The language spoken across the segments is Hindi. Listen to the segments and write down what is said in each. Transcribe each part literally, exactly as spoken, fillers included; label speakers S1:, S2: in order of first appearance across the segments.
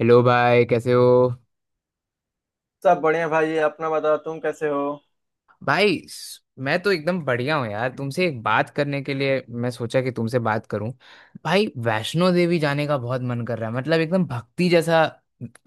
S1: हेलो भाई, कैसे हो।
S2: सब बढ़िया भाई। अपना बताओ, तुम कैसे हो?
S1: भाई स- मैं तो एकदम बढ़िया हूँ यार। तुमसे एक बात करने के लिए मैं सोचा कि तुमसे बात करूं। भाई, वैष्णो देवी जाने का बहुत मन कर रहा है, मतलब एकदम भक्ति जैसा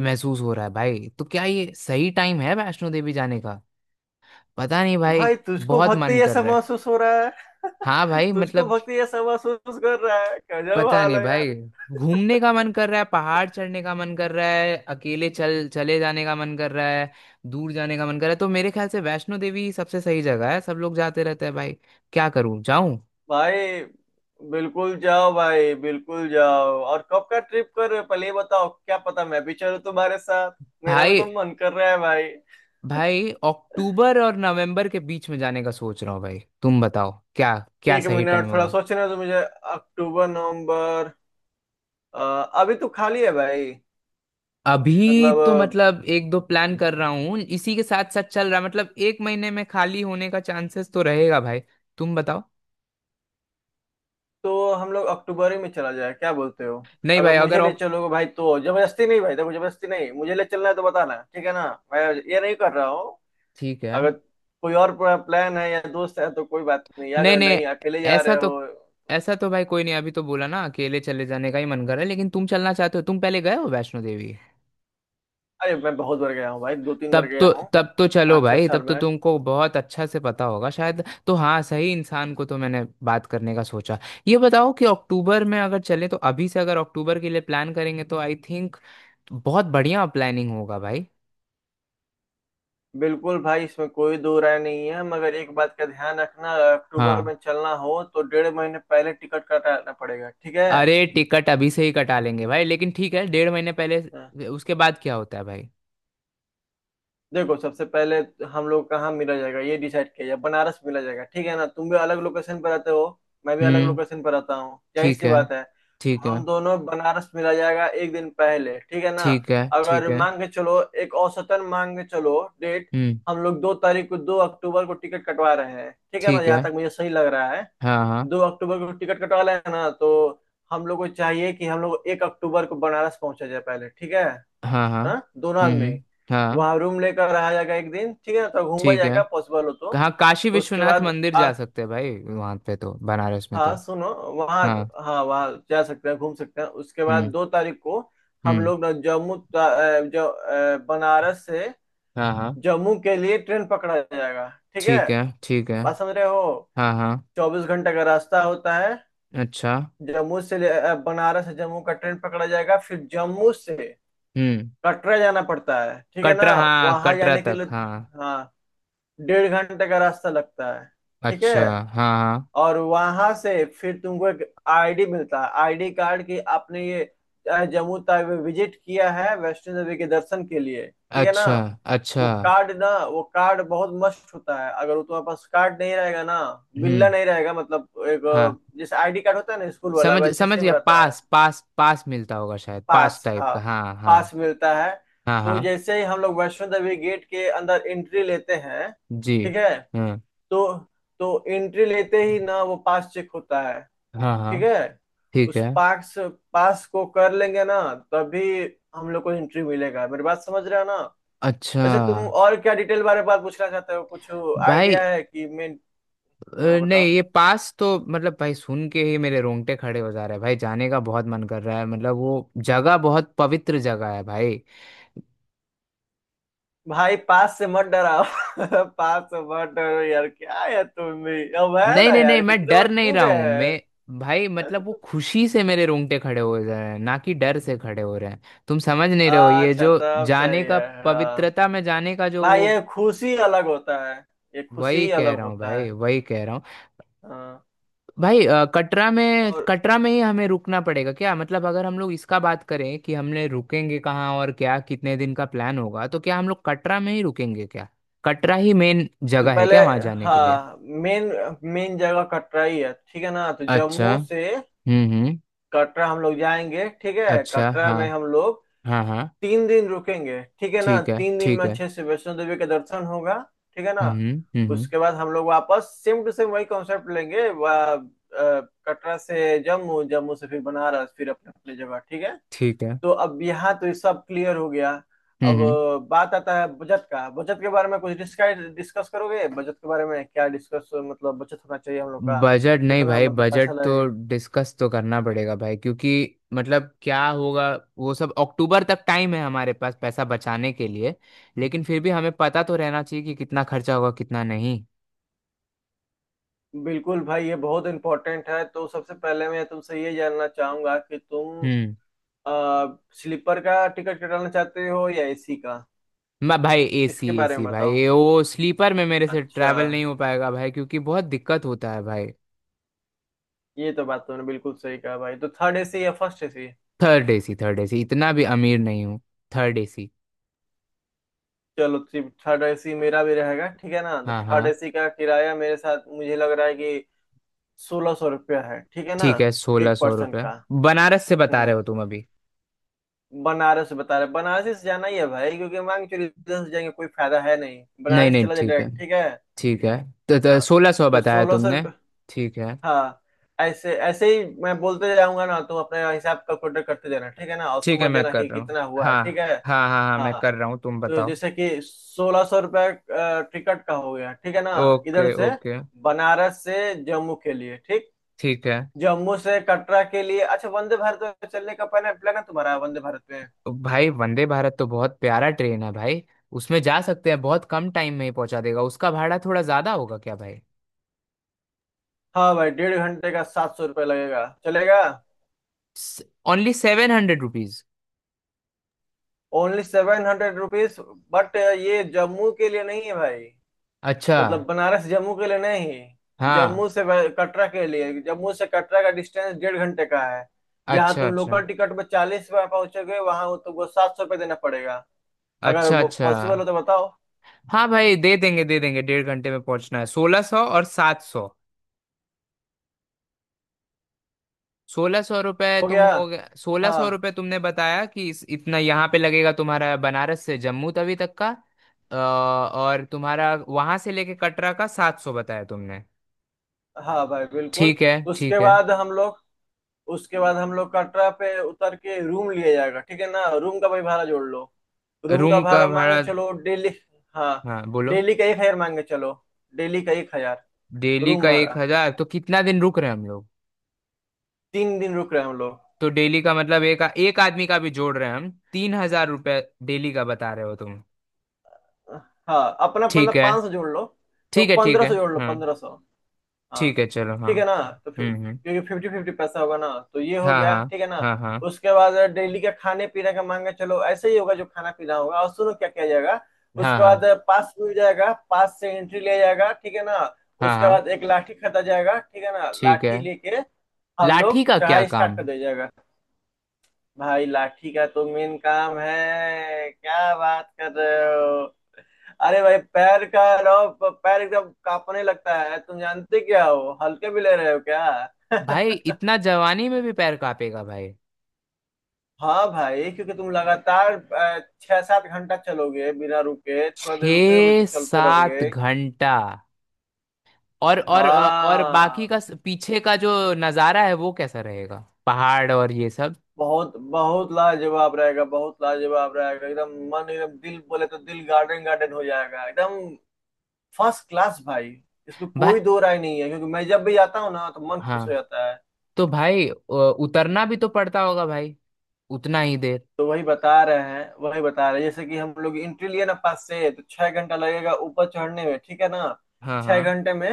S1: महसूस हो रहा है भाई। तो क्या ये सही टाइम है वैष्णो देवी जाने का? पता नहीं भाई।
S2: भाई तुझको
S1: बहुत
S2: भक्ति
S1: मन कर
S2: ऐसा
S1: रहा है।
S2: महसूस हो रहा
S1: हाँ
S2: है
S1: भाई,
S2: तुझको
S1: मतलब
S2: भक्ति ऐसा महसूस कर रहा है, गजब
S1: पता
S2: हाल
S1: नहीं
S2: है
S1: भाई।
S2: यार।
S1: घूमने का मन कर रहा है, पहाड़ चढ़ने का मन कर रहा है, अकेले चल चले जाने का मन कर रहा है, दूर जाने का मन कर रहा है। तो मेरे ख्याल से वैष्णो देवी ही सबसे सही जगह है, सब लोग जाते रहते हैं भाई। क्या करूं, जाऊं?
S2: भाई बिल्कुल जाओ भाई, बिल्कुल जाओ। और कब का ट्रिप कर रहे हो पहले ये बताओ, क्या पता मैं भी चलूं तुम्हारे साथ। मेरा भी
S1: भाई,
S2: तो मन कर रहा है भाई।
S1: भाई, अक्टूबर और नवंबर के बीच में जाने का सोच रहा हूँ भाई। तुम बताओ क्या, क्या
S2: एक
S1: सही टाइम
S2: मिनट, थोड़ा
S1: होगा?
S2: सोचने तो मुझे। अक्टूबर नवंबर। अ, अभी तो खाली है भाई।
S1: अभी तो
S2: मतलब
S1: मतलब एक दो प्लान कर रहा हूँ, इसी के साथ साथ चल रहा है। मतलब एक महीने में खाली होने का चांसेस तो रहेगा भाई। तुम बताओ।
S2: तो हम लोग अक्टूबर ही में चला जाए, क्या बोलते हो?
S1: नहीं
S2: अगर
S1: भाई, अगर
S2: मुझे ले
S1: ऑक-
S2: चलोगे भाई तो, जबरदस्ती नहीं भाई, देखो जबरदस्ती नहीं। मुझे ले चलना है तो बताना, ठीक है ना। मैं ये नहीं कर रहा हूँ।
S1: ठीक है।
S2: अगर कोई और प्लान है या दोस्त है तो कोई बात नहीं,
S1: नहीं
S2: अगर
S1: नहीं,
S2: नहीं अकेले जा
S1: ऐसा
S2: रहे
S1: तो,
S2: हो।
S1: ऐसा तो भाई कोई नहीं। अभी तो बोला ना अकेले चले जाने का ही मन कर रहा है, लेकिन तुम चलना चाहते हो। तुम पहले गए हो वैष्णो देवी?
S2: अरे मैं बहुत बार गया हूँ भाई, दो तीन बार
S1: तब
S2: गया
S1: तो,
S2: हूँ
S1: तब तो चलो
S2: पाँच छह
S1: भाई।
S2: साल
S1: तब तो
S2: में।
S1: तुमको बहुत अच्छा से पता होगा शायद। तो हाँ, सही इंसान को तो मैंने बात करने का सोचा। ये बताओ कि अक्टूबर में अगर चले, तो अभी से अगर अक्टूबर के लिए प्लान करेंगे तो आई थिंक बहुत बढ़िया प्लानिंग होगा भाई।
S2: बिल्कुल भाई, इसमें कोई दो राय नहीं है। मगर एक बात का ध्यान रखना, अगर अक्टूबर
S1: हाँ।
S2: में चलना हो तो डेढ़ महीने पहले टिकट कटाना पड़ेगा, ठीक है।
S1: अरे टिकट अभी से ही कटा लेंगे भाई, लेकिन ठीक है, डेढ़ महीने पहले उसके बाद क्या होता है भाई?
S2: देखो सबसे पहले हम लोग कहाँ मिला जाएगा ये डिसाइड किया जाए। बनारस मिला जाएगा, ठीक है ना। तुम भी अलग लोकेशन पर रहते हो, मैं भी अलग
S1: हम्म।
S2: लोकेशन पर रहता हूँ, यही
S1: ठीक
S2: सी
S1: है।
S2: बात है। तो
S1: ठीक है।
S2: हम दोनों बनारस मिला जाएगा एक दिन पहले, ठीक है ना।
S1: ठीक है, ठीक
S2: अगर
S1: है।
S2: मांग के चलो, एक औसतन मांग के चलो डेट।
S1: हम्म।
S2: हम लोग दो तारीख को, दो अक्टूबर को टिकट कटवा रहे हैं, ठीक है ना।
S1: ठीक है।
S2: यहाँ तक मुझे सही लग रहा है।
S1: हाँ हाँ।
S2: दो अक्टूबर को टिकट कटवा रहे हैं ना, तो हम लोग को चाहिए कि हम लोग एक अक्टूबर को बनारस पहुंचा जाए पहले, ठीक है।
S1: हाँ हाँ।
S2: हाँ, दोनों
S1: हम्म,
S2: आदमी
S1: हम्म। हाँ।
S2: वहां रूम लेकर रहा जाएगा एक दिन, ठीक है ना, तो घूमा
S1: ठीक है।
S2: जाएगा पॉसिबल हो तो।
S1: हाँ, काशी
S2: उसके
S1: विश्वनाथ
S2: बाद
S1: मंदिर
S2: आ,
S1: जा सकते हैं भाई। वहां पे तो, बनारस में तो।
S2: हाँ सुनो, वहाँ
S1: हाँ।
S2: तो, हाँ वहाँ जा सकते हैं, घूम सकते हैं। उसके बाद
S1: हम्म।
S2: दो तारीख को हम
S1: हम्म।
S2: लोग ना जम्मू ता- अ, जो अ, बनारस से
S1: हाँ हाँ।
S2: जम्मू के लिए ट्रेन पकड़ा जाएगा, ठीक है।
S1: ठीक है, ठीक है।
S2: बात समझ रहे हो?
S1: हाँ हाँ।
S2: चौबीस घंटे का रास्ता होता है।
S1: अच्छा।
S2: जम्मू से ले- अ, बनारस से जम्मू का ट्रेन पकड़ा जाएगा, फिर जम्मू से
S1: हम्म।
S2: कटरा जाना पड़ता है, ठीक है ना।
S1: कटरा, हाँ,
S2: वहां
S1: कटरा
S2: जाने के
S1: तक,
S2: लिए
S1: हाँ।
S2: हाँ डेढ़ घंटे का रास्ता लगता है, ठीक है।
S1: अच्छा, हाँ हाँ।
S2: और वहां से फिर तुमको एक आईडी मिलता है, आईडी कार्ड की आपने ये अ, जम्मू तक विजिट किया है वैष्णो देवी के दर्शन के लिए, ठीक है ना।
S1: अच्छा। अच्छा।
S2: वो कार्ड ना, वो कार्ड बहुत मस्त होता है। अगर वो तुम्हारे पास कार्ड नहीं रहेगा ना, बिल्ला
S1: हम्म।
S2: नहीं रहेगा, मतलब एक
S1: हाँ।
S2: अ, जैसे आईडी कार्ड होता है ना स्कूल वाला,
S1: समझ,
S2: वैसे
S1: समझ
S2: सेम
S1: गया।
S2: रहता है।
S1: पास, पास, पास मिलता होगा शायद, पास
S2: पास
S1: टाइप
S2: हाँ,
S1: का, हाँ हाँ।
S2: पास मिलता है।
S1: हाँ हाँ।
S2: तो जैसे ही हम लोग वैष्णो देवी गेट के अंदर एंट्री लेते हैं,
S1: जी।
S2: ठीक है,
S1: हाँ
S2: तो तो एंट्री लेते ही ना वो पास चेक होता है,
S1: हाँ। हाँ।
S2: ठीक है।
S1: ठीक
S2: उस
S1: है।
S2: पास, पास को कर लेंगे ना, तभी हम लोग को एंट्री मिलेगा। मेरी बात समझ रहे हो ना?
S1: अच्छा।
S2: वैसे तुम और क्या डिटेल बारे में बात पूछना चाहते हो, कुछ
S1: भाई,
S2: आइडिया है कि मैं।
S1: अ,
S2: हाँ
S1: नहीं,
S2: बताओ।
S1: ये पास तो मतलब भाई सुन के ही मेरे रोंगटे खड़े हो जा रहे हैं भाई। जाने का बहुत मन कर रहा है, मतलब वो जगह बहुत पवित्र जगह है भाई।
S2: भाई पास से मत डराओ पास से मत डरो यार, क्या है तुम भी, अब है
S1: नहीं
S2: ना
S1: नहीं
S2: यार
S1: नहीं, मैं
S2: इतने बार
S1: डर नहीं
S2: क्यों
S1: रहा
S2: गए
S1: हूँ
S2: हैं।
S1: मैं भाई। मतलब वो खुशी से मेरे रोंगटे खड़े हो जा रहे हैं ना, कि डर से खड़े हो रहे हैं। तुम समझ नहीं रहे हो ये
S2: अच्छा
S1: जो
S2: तब
S1: जाने
S2: सही
S1: का,
S2: है, हाँ।
S1: पवित्रता में जाने का जो
S2: भाई
S1: वो।
S2: ये खुशी अलग होता है, ये खुशी
S1: वही
S2: ही
S1: कह
S2: अलग
S1: रहा हूँ
S2: होता
S1: भाई,
S2: है।
S1: वही कह रहा हूँ।
S2: हाँ।
S1: भाई, अ, कटरा में,
S2: और
S1: कटरा में ही हमें रुकना पड़ेगा क्या? मतलब अगर हम लोग इसका बात करें कि हमने रुकेंगे कहाँ और क्या कितने दिन का प्लान होगा, तो क्या हम लोग कटरा में ही रुकेंगे क्या? कटरा ही मेन
S2: तो
S1: जगह है
S2: पहले
S1: क्या वहाँ जाने के लिए?
S2: हाँ, मेन मेन जगह कटरा ही है, ठीक है ना। तो
S1: अच्छा।
S2: जम्मू से
S1: हम्म, हम्म।
S2: कटरा हम लोग जाएंगे, ठीक है।
S1: अच्छा,
S2: कटरा
S1: हाँ
S2: में हम लोग
S1: हाँ। हाँ।
S2: तीन दिन रुकेंगे, ठीक है ना।
S1: ठीक है,
S2: तीन दिन में
S1: ठीक है।
S2: अच्छे से वैष्णो देवी का दर्शन होगा, ठीक है ना।
S1: हम्म। हम्म, हम्म।
S2: उसके बाद हम लोग वापस सेम टू सेम वही कॉन्सेप्ट लेंगे। वा- अ, कटरा से जम्मू, जम्मू से फिर बनारस, फिर अपने अपने जगह, ठीक है।
S1: ठीक है।
S2: तो अब यहाँ तो ये सब क्लियर हो गया। अब
S1: हम्म।
S2: अ, बात आता है बजट का। बजट के बारे में कुछ डिस्कस, डिस्कस करोगे बजट के बारे में? क्या डिस्कस, मतलब बचत होना चाहिए हम लोग का,
S1: बजट नहीं
S2: कितना
S1: भाई,
S2: मतलब पैसा
S1: बजट तो
S2: लगेगा।
S1: डिस्कस तो करना पड़ेगा भाई, क्योंकि मतलब क्या होगा? वो सब अक्टूबर तक टाइम है हमारे पास पैसा बचाने के लिए। लेकिन फिर भी हमें पता तो रहना चाहिए कि कितना खर्चा होगा कितना नहीं।
S2: बिल्कुल भाई, ये बहुत इंपॉर्टेंट है। तो सबसे पहले मैं तुमसे ये जानना चाहूंगा कि तुम
S1: हम्म।
S2: अ, स्लीपर का टिकट कटाना चाहते हो या एसी का,
S1: मैं भाई एसी,
S2: इसके बारे में
S1: एसी भाई,
S2: बताओ।
S1: ये वो, स्लीपर में मेरे से
S2: अच्छा,
S1: ट्रैवल नहीं हो पाएगा भाई, क्योंकि बहुत दिक्कत होता है भाई।
S2: ये तो बात तुमने बिल्कुल सही कहा भाई। तो थर्ड एसी या first AC?
S1: Third AC, third AC, इतना भी अमीर नहीं हूँ। Third AC.
S2: चलो, थर्ड एसी मेरा भी रहेगा, ठीक है ना। तो
S1: हाँ
S2: थर्ड
S1: हाँ।
S2: एसी का किराया, मेरे साथ मुझे लग रहा है कि सोलह सौ रुपया है, ठीक है ना।
S1: ठीक है, सोलह
S2: एक
S1: सौ
S2: पर्सन
S1: रुपये
S2: का।
S1: बनारस से बता रहे
S2: हम्म,
S1: हो तुम अभी?
S2: बनारस बता रहे, बनारस से जाना ही है भाई, क्योंकि मांग चोरी इधर से जाएंगे कोई फायदा है नहीं,
S1: नहीं
S2: बनारस
S1: नहीं,
S2: चला जाए
S1: ठीक है,
S2: डायरेक्ट, ठीक है।
S1: ठीक है। तो, तो
S2: हाँ,
S1: सोलह सौ
S2: तो
S1: बताया
S2: सोलह सौ
S1: तुमने।
S2: रुपये
S1: ठीक है।
S2: हाँ, ऐसे ऐसे ही मैं बोलते जाऊंगा ना, तुम अपने हिसाब कैलकुलेटर करते जाना, ठीक है ना। और
S1: ठीक है,
S2: समझ
S1: मैं
S2: जाना
S1: कर
S2: कि
S1: रहा हूँ,
S2: कितना हुआ है,
S1: हाँ।
S2: ठीक है।
S1: हाँ हाँ हाँ, मैं
S2: हाँ,
S1: कर रहा हूँ, तुम
S2: तो
S1: बताओ।
S2: जैसे कि सोलह सौ रुपये टिकट का हो गया, ठीक है ना।
S1: ओके,
S2: इधर से,
S1: ओके।
S2: बनारस से जम्मू के लिए, ठीक।
S1: ठीक है।
S2: जम्मू से कटरा के लिए, अच्छा वंदे भारत में चलने का पहले प्लान है तुम्हारा? वंदे भारत में
S1: भाई, वंदे भारत तो बहुत प्यारा ट्रेन है भाई। उसमें जा सकते हैं, बहुत कम टाइम में ही पहुंचा देगा। उसका भाड़ा थोड़ा ज्यादा होगा क्या भाई?
S2: हाँ भाई डेढ़ घंटे का सात सौ रुपये लगेगा, चलेगा?
S1: Only seven hundred rupees?
S2: Only seven hundred rupees. But ये जम्मू के लिए नहीं है भाई,
S1: अच्छा।
S2: मतलब बनारस जम्मू के लिए नहीं।
S1: हाँ।
S2: जम्मू से वे- कटरा के लिए, जम्मू से कटरा का डिस्टेंस डेढ़ घंटे का है। जहाँ
S1: अच्छा,
S2: तुम
S1: अच्छा।
S2: लोकल टिकट में चालीस रुपये पहुंचोगे, वहां वो तुमको सात सौ रुपये देना पड़ेगा। अगर
S1: अच्छा,
S2: वो
S1: अच्छा।
S2: पॉसिबल हो तो बताओ।
S1: हाँ भाई, दे देंगे, दे देंगे। डेढ़ घंटे में पहुंचना है। सोलह सौ और सात सौ। सोलह सौ रुपये,
S2: हो
S1: तुम,
S2: गया।
S1: हो गया। सोलह सौ
S2: हाँ
S1: रुपये तुमने बताया कि इस, इतना यहाँ पे लगेगा तुम्हारा बनारस से जम्मू तवी तक का। अ, और तुम्हारा वहां से लेके कटरा का सात सौ बताया तुमने।
S2: हाँ भाई बिल्कुल।
S1: ठीक है,
S2: उसके
S1: ठीक है।
S2: बाद हम लोग उसके बाद हम लोग कटरा पे उतर के रूम लिया जाएगा, ठीक है ना। रूम का भाई भाड़ा जोड़ लो। रूम का
S1: रूम का
S2: भाड़ा मांग के
S1: भाड़ा?
S2: चलो डेली। हाँ,
S1: हाँ बोलो।
S2: डेली का एक हजार मांग के चलो। डेली का एक हजार
S1: डेली
S2: रूम
S1: का एक
S2: भाड़ा।
S1: हजार तो कितना दिन रुक रहे हैं हम लोग?
S2: तीन दिन रुक रहे हैं हम लोग।
S1: तो डेली का मतलब एक एक आदमी का भी जोड़ रहे हैं हम, तीन हजार रुपये? डेली का बता रहे हो तुम?
S2: हाँ, अपना
S1: ठीक
S2: मतलब
S1: है।
S2: पाँच सौ जोड़ लो। तो
S1: ठीक है, ठीक
S2: पंद्रह
S1: है।
S2: सौ जोड़ लो,
S1: हाँ।
S2: पंद्रह सौ। हाँ,
S1: ठीक है, चलो, हाँ।
S2: ठीक है ना। तो फिर,
S1: हम्म, हम्म।
S2: क्योंकि फिफ्टी फिफ्टी पैसा होगा ना, तो ये हो
S1: हाँ
S2: गया,
S1: हाँ।
S2: ठीक है ना।
S1: हाँ हाँ।
S2: उसके बाद डेली का खाने पीने का मांगा चलो, ऐसे ही होगा जो खाना पीना होगा। और सुनो क्या किया जाएगा।
S1: हाँ
S2: उसके बाद
S1: हाँ।
S2: पास मिल जाएगा, पास से एंट्री लिया जाएगा, ठीक है ना।
S1: हाँ
S2: उसके
S1: हाँ।
S2: बाद एक लाठी खरीदा जाएगा, ठीक है ना।
S1: ठीक है।
S2: लाठी लेके हम
S1: लाठी
S2: लोग
S1: का क्या
S2: चढ़ाई
S1: काम?
S2: स्टार्ट कर दिया जाएगा। भाई लाठी का तो मेन काम है, क्या बात कर रहे हो। अरे भाई पैर का रहो, प- पैर एकदम कांपने लगता है। तुम जानते क्या हो, हल्के भी ले रहे हो क्या
S1: भाई, इतना जवानी में भी पैर कांपेगा भाई?
S2: हाँ भाई, क्योंकि तुम लगातार अ, छह सात घंटा चलोगे बिना रुके, थोड़ा देर रुके भी तो
S1: छः
S2: चलते
S1: सात
S2: रहोगे।
S1: घंटा और और और बाकी
S2: हाँ,
S1: का पीछे का जो नज़ारा है, वो कैसा रहेगा? पहाड़ और ये सब।
S2: बहुत बहुत लाजवाब रहेगा, बहुत लाजवाब रहेगा एकदम। मन एकदम, दिल बोले तो दिल गार्डन गार्डन हो जाएगा एकदम। फर्स्ट क्लास भाई। इसमें
S1: भाई।
S2: कोई दो राय नहीं है, क्योंकि मैं जब भी जाता हूँ ना तो मन खुश हो
S1: हाँ।
S2: जाता है।
S1: तो भाई, अ, उतरना भी तो पड़ता होगा भाई? उतना ही देर?
S2: तो वही बता रहे हैं, वही बता रहे हैं। जैसे कि हम लोग एंट्री लिए ना पास से, तो छह घंटा लगेगा ऊपर चढ़ने में, ठीक है ना।
S1: हाँ
S2: छह
S1: हाँ।
S2: घंटे में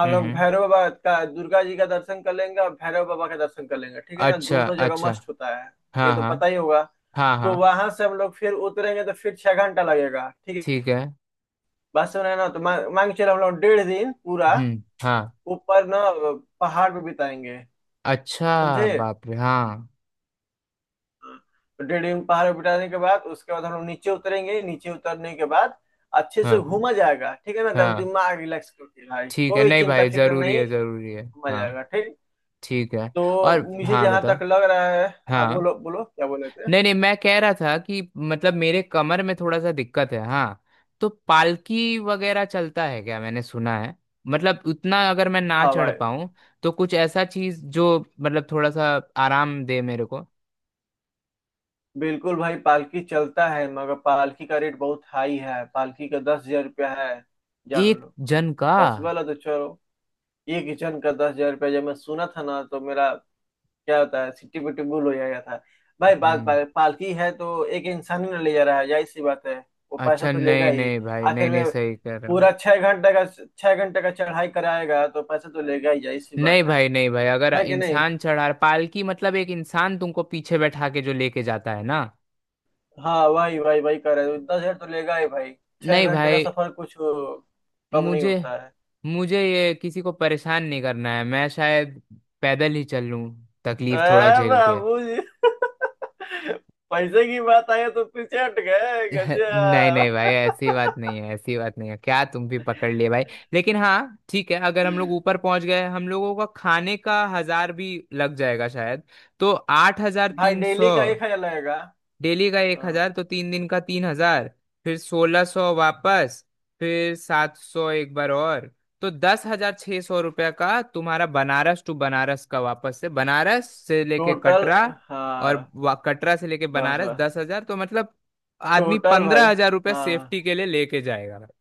S2: हम
S1: हम्म,
S2: लोग
S1: हम्म।
S2: भैरव बाबा का, दुर्गा जी का दर्शन कर लेंगे और भैरव बाबा का दर्शन कर लेंगे, ठीक है ना।
S1: अच्छा,
S2: दोनों जगह
S1: अच्छा।
S2: मस्त होता है, ये
S1: हाँ
S2: तो
S1: हाँ।
S2: पता ही होगा।
S1: हाँ हाँ।
S2: तो वहां से हम लोग फिर उतरेंगे, तो फिर छह घंटा लगेगा, ठीक है।
S1: ठीक है।
S2: बस सुना है ना, तो मांग मांग चलो हम लोग डेढ़ दिन पूरा
S1: हम्म। हाँ।
S2: ऊपर ना पहाड़ पे बिताएंगे,
S1: अच्छा,
S2: समझे।
S1: बाप रे, हाँ।
S2: तो डेढ़ रिंग पहाड़ बिठाने के बाद, उसके बाद हम लोग नीचे उतरेंगे। नीचे उतरने के बाद अच्छे से
S1: हाँ
S2: घूमा जाएगा, ठीक है ना। एकदम
S1: हाँ।
S2: दिमाग रिलैक्स करके भाई,
S1: ठीक है।
S2: कोई
S1: नहीं
S2: चिंता
S1: भाई,
S2: फिक्र
S1: जरूरी
S2: नहीं।
S1: है, जरूरी है।
S2: घूमा
S1: हाँ।
S2: जाएगा ठीक।
S1: ठीक है। और
S2: तो मुझे
S1: हाँ,
S2: जहां
S1: बता।
S2: तक लग रहा है, हाँ
S1: हाँ।
S2: बोलो बोलो क्या बोले थे।
S1: नहीं नहीं, मैं कह रहा था कि मतलब मेरे कमर में थोड़ा सा दिक्कत है, हाँ। तो पालकी वगैरह चलता है क्या, मैंने सुना है? मतलब उतना अगर मैं ना
S2: हाँ
S1: चढ़
S2: भाई
S1: पाऊँ, तो कुछ ऐसा चीज जो मतलब थोड़ा सा आराम दे मेरे को।
S2: बिल्कुल, भाई पालकी चलता है मगर पालकी का रेट बहुत हाई है, पालकी का दस हजार रुपया है, जान
S1: एक
S2: लो।
S1: जन का?
S2: पॉसिबल है तो चलो। एक जन का दस हजार रुपया जब मैं सुना था ना, तो मेरा क्या होता है सिट्टी पिट्टी भूल हो जाएगा था। भाई बात,
S1: हम्म।
S2: पा- पालकी है तो एक इंसान ही ना ले जा रहा है, जाहिर सी बात है, वो पैसा
S1: अच्छा।
S2: तो लेगा
S1: नहीं
S2: ही।
S1: नहीं भाई, नहीं
S2: आखिर
S1: नहीं,
S2: में
S1: सही कह रहे हो।
S2: पूरा छह घंटे का, छह घंटे का चढ़ाई कराएगा तो पैसा तो लेगा ही, जाहिर सी बात
S1: नहीं
S2: है।
S1: भाई, नहीं भाई, अगर
S2: है कि नहीं।
S1: इंसान चढ़ा पालकी, मतलब एक इंसान तुमको पीछे बैठा के जो लेके जाता है ना।
S2: हाँ वही वही वही कर रहे हो। दस हजार तो लेगा ही भाई, छह
S1: नहीं
S2: घंटे का
S1: भाई।
S2: सफर कुछ अ, कम नहीं
S1: मुझे
S2: होता है।
S1: मुझे ये किसी को परेशान नहीं करना है। मैं शायद पैदल ही चल लूं, तकलीफ थोड़ा
S2: अरे
S1: झेल के।
S2: बाबू जी पैसे की बात आई तो पीछे हट गए,
S1: नहीं
S2: गजब।
S1: नहीं भाई, ऐसी बात नहीं है, ऐसी बात नहीं है, क्या तुम भी पकड़ लिए भाई। लेकिन हाँ ठीक है, अगर हम लोग ऊपर पहुंच गए हम लोगों का खाने का हजार भी लग जाएगा शायद। तो आठ हजार
S2: भाई
S1: तीन
S2: डेली
S1: सौ
S2: का एक हजार लगेगा।
S1: डेली का एक
S2: हाँ
S1: हजार तो तीन दिन का तीन हजार। फिर सोलह सौ वापस। फिर सात सौ एक बार और। तो दस हजार छः सौ रुपये का तुम्हारा बनारस टू बनारस का, वापस से बनारस से लेके
S2: टोटल।
S1: कटरा और
S2: हाँ
S1: वा- कटरा से लेके
S2: बस
S1: बनारस।
S2: बस,
S1: दस हजार, तो मतलब आदमी
S2: टोटल भाई।
S1: पंद्रह हजार रुपये
S2: हाँ,
S1: सेफ्टी के लिए लेके जाएगा भाई।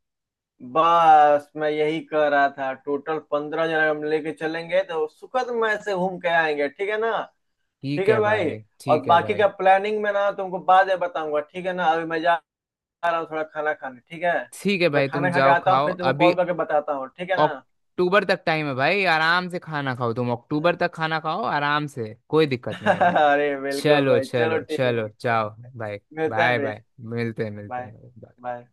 S2: बस मैं यही कह रहा था, टोटल पंद्रह जन हम लेके चलेंगे तो सुखद मय से घूम के आएंगे, ठीक है ना। ठीक
S1: ठीक
S2: है
S1: है
S2: भाई।
S1: भाई,
S2: और
S1: ठीक है
S2: बाकी
S1: भाई।
S2: का प्लानिंग में ना तुमको बाद में बताऊंगा, ठीक है ना। अभी मैं जा रहा हूँ थोड़ा खाना खाने, ठीक है।
S1: ठीक है
S2: मैं
S1: भाई, तुम
S2: खाना खा के
S1: जाओ
S2: आता हूँ,
S1: खाओ
S2: फिर तुमको
S1: अभी।
S2: कॉल करके बताता हूँ, ठीक है ना।
S1: अक्टूबर तक टाइम है भाई, आराम से खाना खाओ तुम। अक्टूबर तक खाना खाओ आराम से, कोई दिक्कत नहीं है भाई।
S2: अरे बिल्कुल
S1: चलो,
S2: भाई, चलो
S1: चलो,
S2: ठीक है,
S1: चलो,
S2: ओके।
S1: जाओ भाई।
S2: मिलते हैं
S1: बाय
S2: फिर।
S1: बाय। मिलते हैं, मिलते
S2: बाय
S1: हैं।
S2: बाय।